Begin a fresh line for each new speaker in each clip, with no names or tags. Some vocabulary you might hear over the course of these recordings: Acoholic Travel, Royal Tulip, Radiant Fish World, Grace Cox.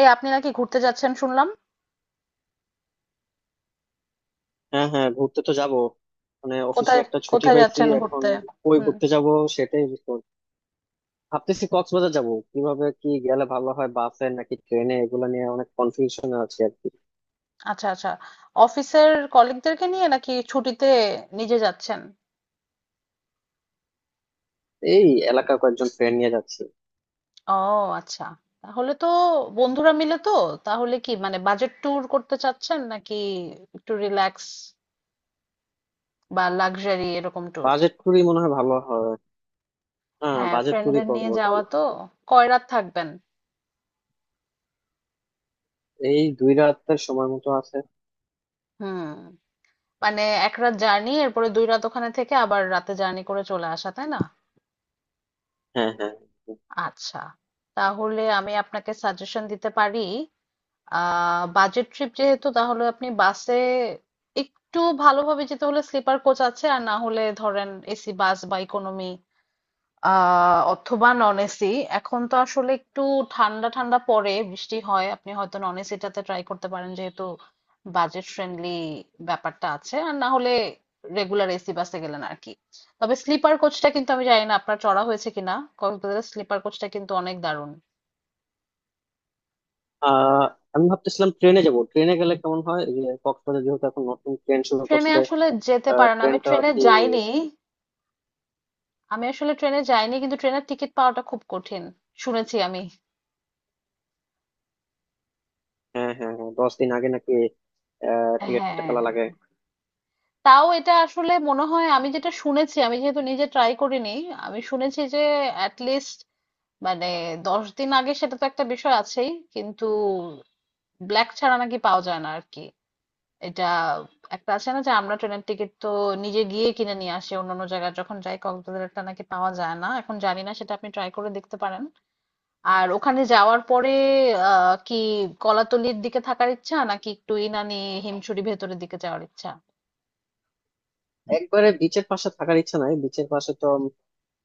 এই আপনি নাকি ঘুরতে যাচ্ছেন শুনলাম।
হ্যাঁ, হ্যাঁ, ঘুরতে তো যাব। মানে অফিসে
কোথায়
একটা ছুটি
কোথায়
পাইছি
যাচ্ছেন
এখন।
ঘুরতে?
কই
হুম।
ঘুরতে যাব সেটাই বুঝতে পারছি না। ভাবতেছি কক্সবাজার যাব, কিভাবে কি গেলে ভালো হয়, বাসে নাকি ট্রেনে, এগুলো নিয়ে অনেক কনফিউশন আছে আর কি।
আচ্ছা আচ্ছা, অফিসের কলিগদেরকে নিয়ে নাকি ছুটিতে নিজে যাচ্ছেন?
এই এলাকার কয়েকজন ফ্রেন্ড নিয়ে যাচ্ছি।
ও আচ্ছা, তাহলে তো বন্ধুরা মিলে তো। তাহলে কি মানে বাজেট ট্যুর করতে চাচ্ছেন নাকি একটু রিল্যাক্স বা লাক্সারি এরকম ট্যুর?
বাজেট ট্যুরই মনে হয় ভালো হয়। হ্যাঁ,
হ্যাঁ,
বাজেট ট্যুরই
ফ্রেন্ডদের
করবো
নিয়ে
আর কি।
যাওয়া তো। কয় রাত থাকবেন?
এই দুই রাতের সময় মতো আছে।
হুম, মানে এক রাত জার্নি এরপরে দুই রাত ওখানে থেকে আবার রাতে জার্নি করে চলে আসা তাই না?
হ্যাঁ, হ্যাঁ.
আচ্ছা, তাহলে আমি আপনাকে সাজেশন দিতে পারি। বাজেট ট্রিপ যেহেতু তাহলে আপনি বাসে একটু ভালোভাবে যেতে হলে স্লিপার কোচ আছে, আর না হলে ধরেন এসি বাস বা ইকোনমি, অথবা নন এসি। এখন তো আসলে একটু ঠান্ডা ঠান্ডা পড়ে, বৃষ্টি হয়, আপনি হয়তো নন এসিটাতে ট্রাই করতে পারেন যেহেতু বাজেট ফ্রেন্ডলি ব্যাপারটা আছে, আর না হলে রেগুলার এসি বাসে গেলেন আর কি। তবে স্লিপার কোচটা কিন্তু আমি জানি না আপনার চড়া হয়েছে কিনা, কক্সবাজারের স্লিপার কোচটা কিন্তু অনেক দারুণ।
আহ আমি ভাবতেছিলাম ট্রেনে যাব, ট্রেনে গেলে কেমন হয়, এই যে কক্সবাজার যেহেতু এখন নতুন ট্রেন শুরু
ট্রেনে
করছে।
আসলে যেতে পারে না, আমি
ট্রেনটা
ট্রেনে
কি?
যাইনি। আমি আসলে ট্রেনে যাইনি, কিন্তু ট্রেনের টিকিট পাওয়াটা খুব কঠিন শুনেছি আমি।
হ্যাঁ, হ্যাঁ, হ্যাঁ, 10 দিন আগে নাকি টিকিট কেটে
হ্যাঁ,
ফেলা লাগে।
তাও এটা আসলে মনে হয়, আমি যেটা শুনেছি, আমি যেহেতু নিজে ট্রাই করিনি, আমি শুনেছি যে অ্যাট লিস্ট মানে 10 দিন আগে, সেটা তো একটা বিষয় আছেই কিন্তু ব্ল্যাক ছাড়া নাকি পাওয়া যায় না আর কি। এটা একটা আছে না যে আমরা ট্রেনের টিকিট তো নিজে গিয়ে কিনে নিয়ে আসি অন্যান্য জায়গায় যখন যাই, কক্সবাজারটা নাকি পাওয়া যায় না এখন, জানি না সেটা আপনি ট্রাই করে দেখতে পারেন। আর ওখানে যাওয়ার পরে কি, কলাতলির দিকে থাকার ইচ্ছা নাকি একটু ইনানি, হিমছড়ি ভেতরের দিকে যাওয়ার ইচ্ছা?
একবারে বিচের পাশে থাকার ইচ্ছা নাই, বিচের পাশে তো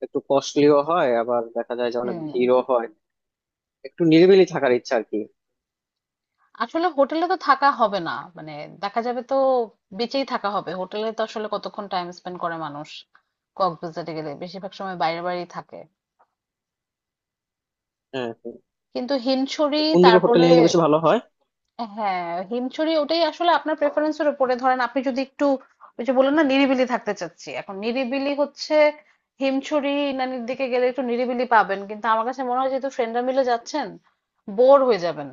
একটু কস্টলিও হয়, আবার দেখা যায় যে অনেক
হুম।
ভিড়ও হয়। একটু নিরিবিলি থাকার ইচ্ছা আর কি।
আসলে হোটেলে তো থাকা হবে না মানে, দেখা যাবে তো বেঁচেই থাকা হবে হোটেলে, তো আসলে কতক্ষণ টাইম স্পেন্ড করে মানুষ কক্সবাজারে গেলে, বেশিরভাগ সময় বাইরে বাইরেই থাকে।
হ্যাঁ, হ্যাঁ.
কিন্তু হিমছড়ি
কোন দিকে হোটেল
তারপরে,
নিলে বেশি ভালো হয়?
হ্যাঁ হিমছড়ি, ওটাই আসলে আপনার প্রেফারেন্সের উপরে। ধরেন আপনি যদি একটু ওই যে বললেন না নিরিবিলি থাকতে চাচ্ছি, এখন নিরিবিলি হচ্ছে হিমছড়ি নানির দিকে গেলে একটু নিরিবিলি পাবেন, কিন্তু আমার কাছে মনে হয় যেহেতু ফ্রেন্ডরা মিলে যাচ্ছেন বোর হয়ে যাবেন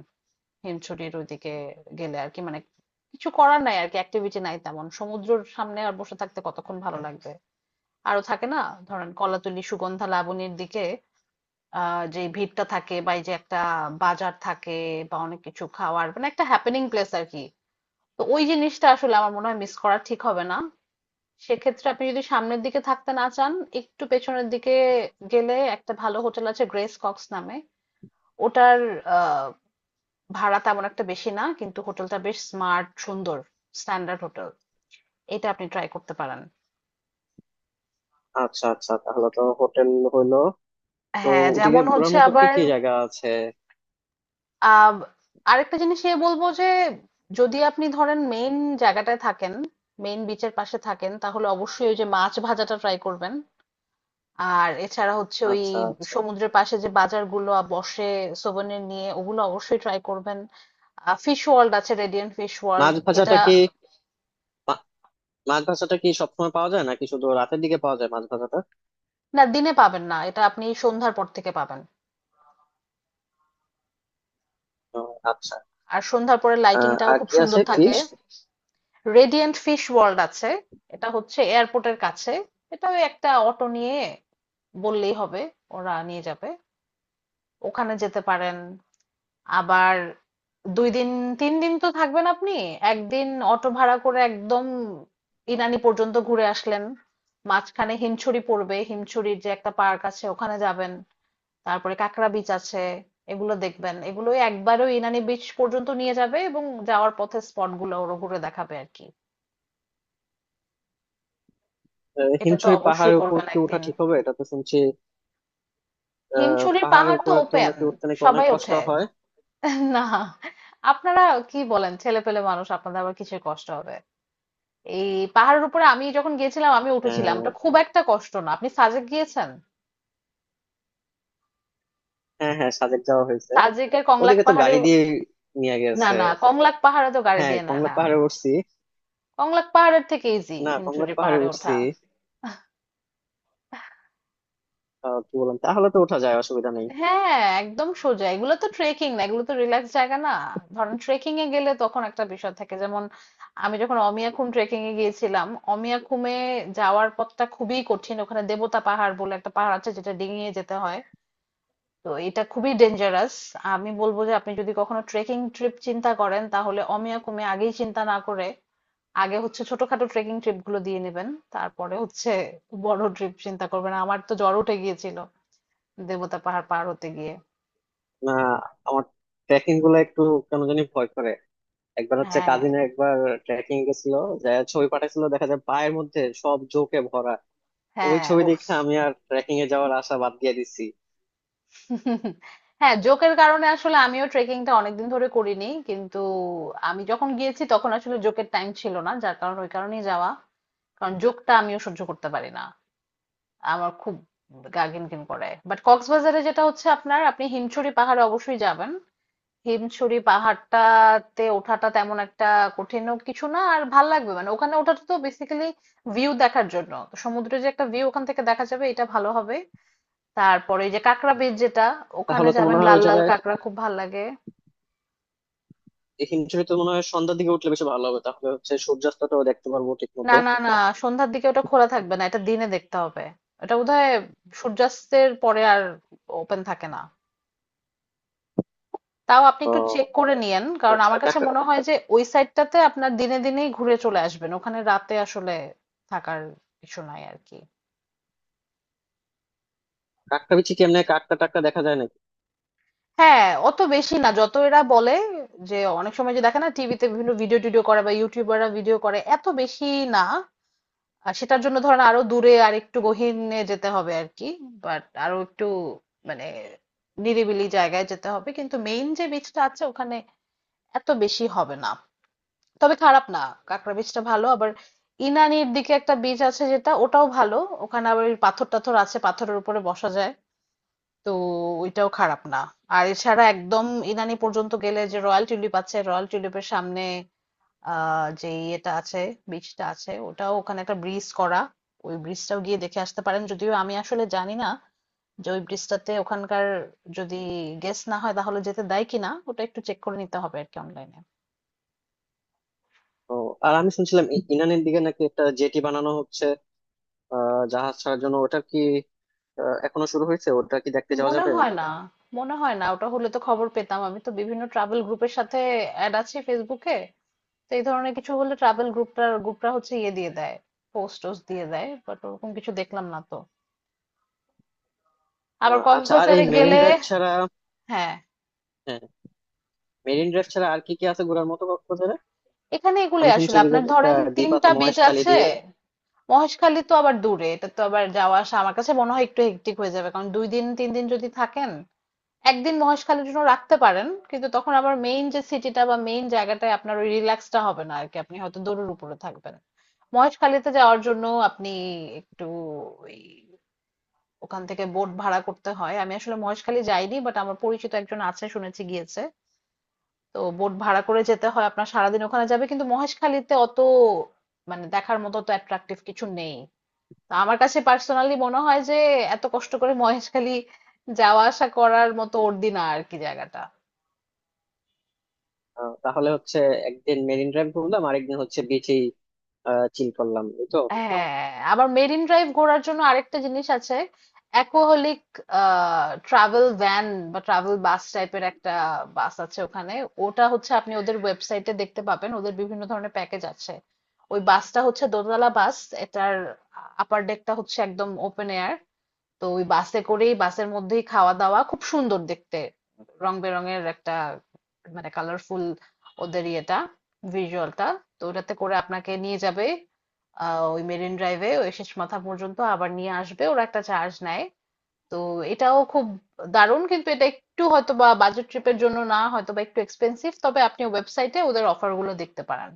হিমছড়ির ওইদিকে গেলে আর কি। মানে কিছু করার নাই আর কি, অ্যাক্টিভিটি নাই তেমন, সমুদ্রের সামনে আর বসে থাকতে কতক্ষণ ভালো লাগবে? আরো থাকে না, ধরেন কলাতলি সুগন্ধা লাবণীর দিকে যে ভিড়টা থাকে বা এই যে একটা বাজার থাকে বা অনেক কিছু খাওয়ার, মানে একটা হ্যাপেনিং প্লেস আর কি। তো ওই জিনিসটা আসলে আমার মনে হয় মিস করা ঠিক হবে না। সেক্ষেত্রে আপনি যদি সামনের দিকে থাকতে না চান, একটু পেছনের দিকে গেলে একটা ভালো হোটেল আছে গ্রেস কক্স নামে। ওটার আহ ভাড়া তেমন একটা বেশি না, কিন্তু হোটেলটা বেশ স্মার্ট, সুন্দর স্ট্যান্ডার্ড হোটেল। এটা আপনি ট্রাই করতে পারেন।
আচ্ছা আচ্ছা তাহলে তো হোটেল হইলো। তো
হ্যাঁ
ওদিকে
যেমন
ঘোরার
হচ্ছে
মতো কি
আবার।
কি জায়গা আছে?
আহ আরেকটা জিনিস এ বলবো যে যদি আপনি ধরেন মেইন জায়গাটায় থাকেন, মেইন বিচের পাশে থাকেন, তাহলে অবশ্যই ওই যে মাছ ভাজাটা ট্রাই করবেন। আর এছাড়া হচ্ছে ওই
আচ্ছা, আচ্ছা.
সমুদ্রের পাশে যে বাজারগুলো বসে সোভেনির নিয়ে, ওগুলো অবশ্যই ট্রাই করবেন। ফিশ ওয়ার্ল্ড আছে, রেডিয়েন্ট ফিশ ওয়ার্ল্ড।
মাছ
এটা
ভাজাটা কি? মা- মাছ ভাজাটা কি সবসময় পাওয়া যায় নাকি শুধু রাতের দিকে পাওয়া যায় মাছ ভাজাটা?
না, দিনে পাবেন না, এটা আপনি সন্ধ্যার পর থেকে পাবেন।
ও, আচ্ছা।
আর সন্ধ্যার পরে লাইটিংটাও
আর
খুব
কি
সুন্দর
আছে
থাকে।
ফিশ?
রেডিয়েন্ট ফিশ ওয়ার্ল্ড আছে, এটা হচ্ছে এয়ারপোর্টের কাছে। এটা ওই একটা অটো নিয়ে বললেই হবে, ওরা নিয়ে যাবে। ওখানে যেতে পারেন। আবার 2 দিন 3 দিন তো থাকবেন আপনি, একদিন অটো ভাড়া করে একদম ইনানি পর্যন্ত ঘুরে আসলেন। মাঝখানে হিমছড়ি পড়বে, হিমছড়ির যে একটা পার্ক আছে ওখানে যাবেন, তারপরে কাঁকড়া বিচ আছে, এগুলো দেখবেন। এগুলোই একবারে ওই ইনানি বিচ পর্যন্ত নিয়ে যাবে এবং যাওয়ার পথে স্পট গুলো ওরা ঘুরে দেখাবে আর কি। এটা তো
হিমছড়ি
অবশ্যই
পাহাড়ের উপর
করবেন
কি ওঠা
একদিন।
ঠিক হবে, এটা তো শুনছি
হিমছড়ির
পাহাড়ের
পাহাড় তো
উপরে তো
ওপেন,
নাকি উঠতে নাকি অনেক
সবাই
কষ্ট
ওঠে।
হয়।
না, আপনারা কি বলেন, ছেলে পেলে মানুষ, আপনাদের আবার কিসের কষ্ট হবে? এই পাহাড়ের উপরে আমি যখন গিয়েছিলাম আমি উঠেছিলাম, ওটা
আহ,
খুব একটা কষ্ট না। আপনি সাজেক গিয়েছেন,
হ্যাঁ, হ্যাঁ, সাজেক যাওয়া হয়েছে।
সাজেকের কংলাক
ওদিকে তো গাড়ি
পাহাড়েও।
দিয়ে নিয়ে
না
গেছে।
না, কংলাক পাহাড়ে তো গাড়ি
হ্যাঁ,
দিয়ে না
কংলাপ
না,
পাহাড়ে উঠছি।
কংলাক পাহাড়ের থেকে ইজি
না, কংলাপ
হিমছড়ির
পাহাড়ে
পাহাড়ে
উঠছি।
ওঠা।
কি বললাম, তাহলে তো ওঠা যায়, অসুবিধা নেই।
হ্যাঁ, একদম সোজা, এগুলো তো ট্রেকিং না, এগুলো তো রিল্যাক্স জায়গা না। ধরেন ট্রেকিং এ গেলে তখন একটা বিষয় থাকে, যেমন আমি যখন অমিয়াখুম ট্রেকিং এ গিয়েছিলাম, অমিয়াখুমে যাওয়ার পথটা খুবই কঠিন, ওখানে দেবতা পাহাড় বলে একটা পাহাড় আছে যেটা ডিঙিয়ে যেতে হয়। তো এটা খুবই ডেঞ্জারাস। আমি বলবো যে আপনি যদি কখনো ট্রেকিং ট্রিপ চিন্তা করেন তাহলে অমিয়াখুমে আগেই চিন্তা না করে, আগে হচ্ছে ছোটখাটো ট্রেকিং ট্রিপ গুলো দিয়ে নেবেন, তারপরে হচ্ছে বড় ট্রিপ চিন্তা করবেন। আমার তো জ্বর উঠে গিয়েছিল দেবতা পাহাড় পার হতে গিয়ে।
না, আমার ট্রেকিং গুলো একটু কেন জানি ভয় করে। একবার হচ্ছে
হ্যাঁ,
কাজিনে একবার ট্রেকিং গেছিল, যা ছবি পাঠাইছিল দেখা যায় পায়ের মধ্যে সব জোকে ভরা। ওই
হ্যাঁ,
ছবি
উফ।
দেখে আমি আর ট্রেকিং এ যাওয়ার আশা বাদ দিয়ে দিছি।
হ্যাঁ, জোকের কারণে আসলে আমিও ট্রেকিংটা অনেকদিন ধরে করিনি, কিন্তু আমি যখন গিয়েছি তখন আসলে জোকের টাইম ছিল না, যার কারণে ওই কারণেই যাওয়া। কারণ জোকটা আমিও সহ্য করতে পারি না, আমার খুব গা ঘিনঘিন করে। বাট কক্সবাজারে যেটা হচ্ছে আপনার, আপনি হিমছড়ি পাহাড়ে অবশ্যই যাবেন। হিমছড়ি পাহাড়টাতে ওঠাটা তেমন একটা কঠিনও কিছু না, আর ভাল লাগবে মানে। ওখানে ওঠাটা তো বেসিক্যালি ভিউ দেখার জন্য, তো সমুদ্রের যে একটা ভিউ ওখান থেকে দেখা যাবে এটা ভালো হবে। তারপরে ওই যে কাঁকড়া বীচ যেটা, ওখানে
তাহলে তো মনে
যাবেন,
হয়
লাল
ওই
লাল
জায়গায়,
কাঁকড়া খুব ভাল লাগে।
এই হিমশিমে তো মনে হয় সন্ধ্যার দিকে উঠলে বেশি ভালো হবে, তাহলে হচ্ছে সূর্যাস্তটাও দেখতে পারবো ঠিক
না
মতো।
না না, সন্ধ্যার দিকে ওটা খোলা থাকবে না, এটা দিনে দেখতে হবে। এটা বোধহয় সূর্যাস্তের পরে আর ওপেন থাকে না। তাও আপনি একটু
আহ,
চেক করে নিয়েন, কারণ
আচ্ছা, আর
আমার কাছে
কাকটা,
মনে হয় যে ওই সাইডটাতে আপনার দিনে দিনেই ঘুরে চলে আসবেন, ওখানে রাতে আসলে থাকার কিছু নাই আর কি।
কাকটা বিচি কি এমনি কাকটা টাকটা দেখা যায় নাকি?
হ্যাঁ, অত বেশি না যত এরা বলে। যে অনেক সময় যে দেখে না টিভিতে বিভিন্ন ভিডিও টিডিও করে বা ইউটিউবাররা ভিডিও করে, এত বেশি না। আর সেটার জন্য ধরেন আরো দূরে আর একটু গহীনে যেতে হবে আর কি। বাট আরো একটু মানে নিরিবিলি জায়গায় যেতে হবে, কিন্তু মেইন যে বীজটা আছে ওখানে এত বেশি হবে না, তবে খারাপ না। কাঁকড়া বীজটা ভালো। আবার ইনানির দিকে একটা বীজ আছে যেটা, ওটাও ভালো। ওখানে আবার ওই পাথর টাথর আছে, পাথরের উপরে বসা যায়, তো ওইটাও খারাপ না। আর এছাড়া একদম ইনানি পর্যন্ত গেলে যে রয়্যাল টিউলিপ আছে, রয়্যাল টিউলিপের সামনে যে ইয়েটা আছে, ব্রিজটা আছে, ওটাও ওখানে একটা ব্রিজ করা। ওই ব্রিজটাও গিয়ে দেখে আসতে পারেন, যদিও আমি আসলে জানি না যে ওই ব্রিজটাতে ওখানকার যদি গেস না হয় তাহলে যেতে দেয় কিনা, ওটা একটু চেক করে নিতে হবে আর কি অনলাইনে।
ও, আর আমি শুনছিলাম ইরানের দিকে নাকি একটা জেটি বানানো হচ্ছে জাহাজ ছাড়ার জন্য, ওটা কি এখনো শুরু হয়েছে? ওটা কি দেখতে যাওয়া
মনে
যাবে?
হয় না, মনে হয় না, ওটা হলে তো খবর পেতাম। আমি তো বিভিন্ন ট্রাভেল গ্রুপের সাথে অ্যাড আছি ফেসবুকে, তো এই ধরনের কিছু হলে ট্রাভেল গ্রুপটা গ্রুপটা হচ্ছে ইয়ে দিয়ে দেয়, পোস্ট টোস্ট দিয়ে দেয়, বাট ওরকম কিছু দেখলাম না তো। আবার
আচ্ছা, আর এই
কক্সবাজারে
মেরিন
গেলে,
ড্রাইভ ছাড়া,
হ্যাঁ,
হ্যাঁ, মেরিন ড্রাইভ ছাড়া আর কি কি আছে ঘোরার মতো কক্সবাজারে?
এখানে
আমি
এগুলোই
শুনছি
আসলে
যে
আপনার,
একটা
ধরেন
দ্বীপ আছে,
তিনটা বেজ
মহেশখালী
আছে।
দ্বীপ।
মহেশখালী তো আবার দূরে, এটা তো আবার যাওয়া আসা আমার কাছে মনে হয় একটু হেক্টিক হয়ে যাবে, কারণ 2 দিন 3 দিন যদি থাকেন, একদিন মহেশখালীর জন্য রাখতে পারেন কিন্তু তখন আবার মেইন যে সিটিটা বা মেইন জায়গাটায় আপনার ওই রিল্যাক্সটা হবে না আর কি, আপনি হয়তো দৌড়ের উপরে থাকবেন। মহেশখালীতে যাওয়ার জন্য আপনি একটু ওই ওখান থেকে বোট ভাড়া করতে হয়। আমি আসলে মহেশখালী যাইনি, বাট আমার পরিচিত একজন আছে শুনেছি গিয়েছে। তো বোট ভাড়া করে যেতে হয়, আপনার সারাদিন ওখানে যাবে, কিন্তু মহেশখালীতে অত মানে দেখার মতো অত অ্যাট্রাকটিভ কিছু নেই। তো আমার কাছে পার্সোনালি মনে হয় যে এত কষ্ট করে মহেশখালী যাওয়া আসা করার মতো অর্দি না আর কি জায়গাটা।
তাহলে হচ্ছে একদিন মেরিন ড্রাইভ ঘুরলাম, আরেকদিন হচ্ছে বিচেই চিল করলাম, এই তো।
হ্যাঁ, আবার মেরিন ড্রাইভ ঘোরার জন্য আরেকটা জিনিস আছে, অ্যাকোহলিক ট্রাভেল ভ্যান বা ট্রাভেল বাস টাইপের একটা বাস আছে ওখানে। ওটা হচ্ছে আপনি ওদের ওয়েবসাইটে দেখতে পাবেন, ওদের বিভিন্ন ধরনের প্যাকেজ আছে। ওই বাসটা হচ্ছে দোতলা বাস, এটার আপার ডেকটা হচ্ছে একদম ওপেন এয়ার। তো ওই বাসে করেই বাসের মধ্যেই খাওয়া দাওয়া, খুব সুন্দর দেখতে, রং বেরঙের একটা মানে কালারফুল ওদের ইয়েটা, ভিজুয়ালটা। তো ওটাতে করে আপনাকে নিয়ে যাবে ওই মেরিন ড্রাইভে ওই শেষ মাথা পর্যন্ত, আবার নিয়ে আসবে, ওরা একটা চার্জ নেয়। তো এটাও খুব দারুণ, কিন্তু এটা একটু হয়তো বা বাজেট ট্রিপের জন্য না, হয়তো বা একটু এক্সপেন্সিভ, তবে আপনি ওয়েবসাইটে ওদের অফার গুলো দেখতে পারেন।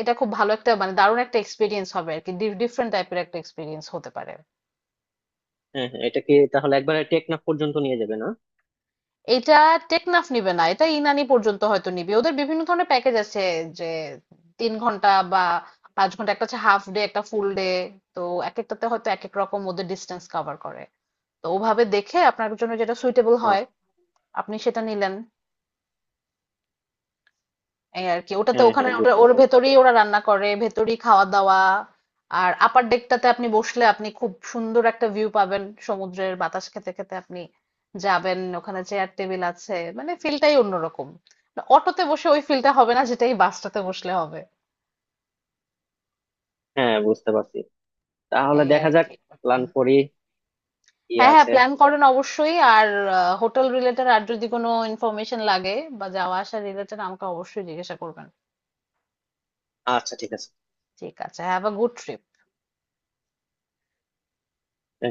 এটা খুব ভালো একটা মানে দারুণ একটা এক্সপিরিয়েন্স হবে আর কি, ডিফারেন্ট টাইপের একটা এক্সপিরিয়েন্স হতে পারে।
হ্যাঁ, হ্যাঁ, এটা কি তাহলে একবারে টেকনাফ পর্যন্ত নিয়ে যাবে না?
এটা টেকনাফ নিবে না, এটা ইনানি পর্যন্ত হয়তো নিবে। ওদের বিভিন্ন ধরনের প্যাকেজ আছে যে 3 ঘন্টা বা 5 ঘন্টা, একটা হচ্ছে হাফ ডে, একটা ফুল ডে। তো এক একটাতে হয়তো এক এক রকম ওদের ডিস্টেন্স কভার করে। তো ওভাবে দেখে আপনার জন্য যেটা সুইটেবল
ও,
হয় আপনি সেটা নিলেন, এই আরকি। ওটাতে
হ্যাঁ
ওখানে
হ্যাঁ
ওটা
বুঝতে
ওর
পারছি।
ভেতরেই ওরা রান্না করে, ভেতরেই খাওয়া দাওয়া। আর আপার ডেকটাতে আপনি বসলে আপনি খুব সুন্দর একটা ভিউ পাবেন, সমুদ্রের বাতাস খেতে খেতে আপনি যাবেন, ওখানে চেয়ার টেবিল আছে, মানে ফিলটাই অন্যরকম। অটোতে বসে ওই ফিলটা হবে না যেটাই বাসটাতে বসলে হবে।
হ্যাঁ, বুঝতে পারছি। তাহলে
এই
দেখা
আর
যাক,
কি।
প্ল্যান করি কি
হ্যাঁ হ্যাঁ
আছে।
প্ল্যান করেন অবশ্যই, আর হোটেল রিলেটেড আর যদি কোনো ইনফরমেশন লাগে বা যাওয়া আসা রিলেটেড আমাকে অবশ্যই জিজ্ঞাসা করবেন।
আচ্ছা, ঠিক আছে।
ঠিক আছে, হ্যাভ আ গুড ট্রিপ।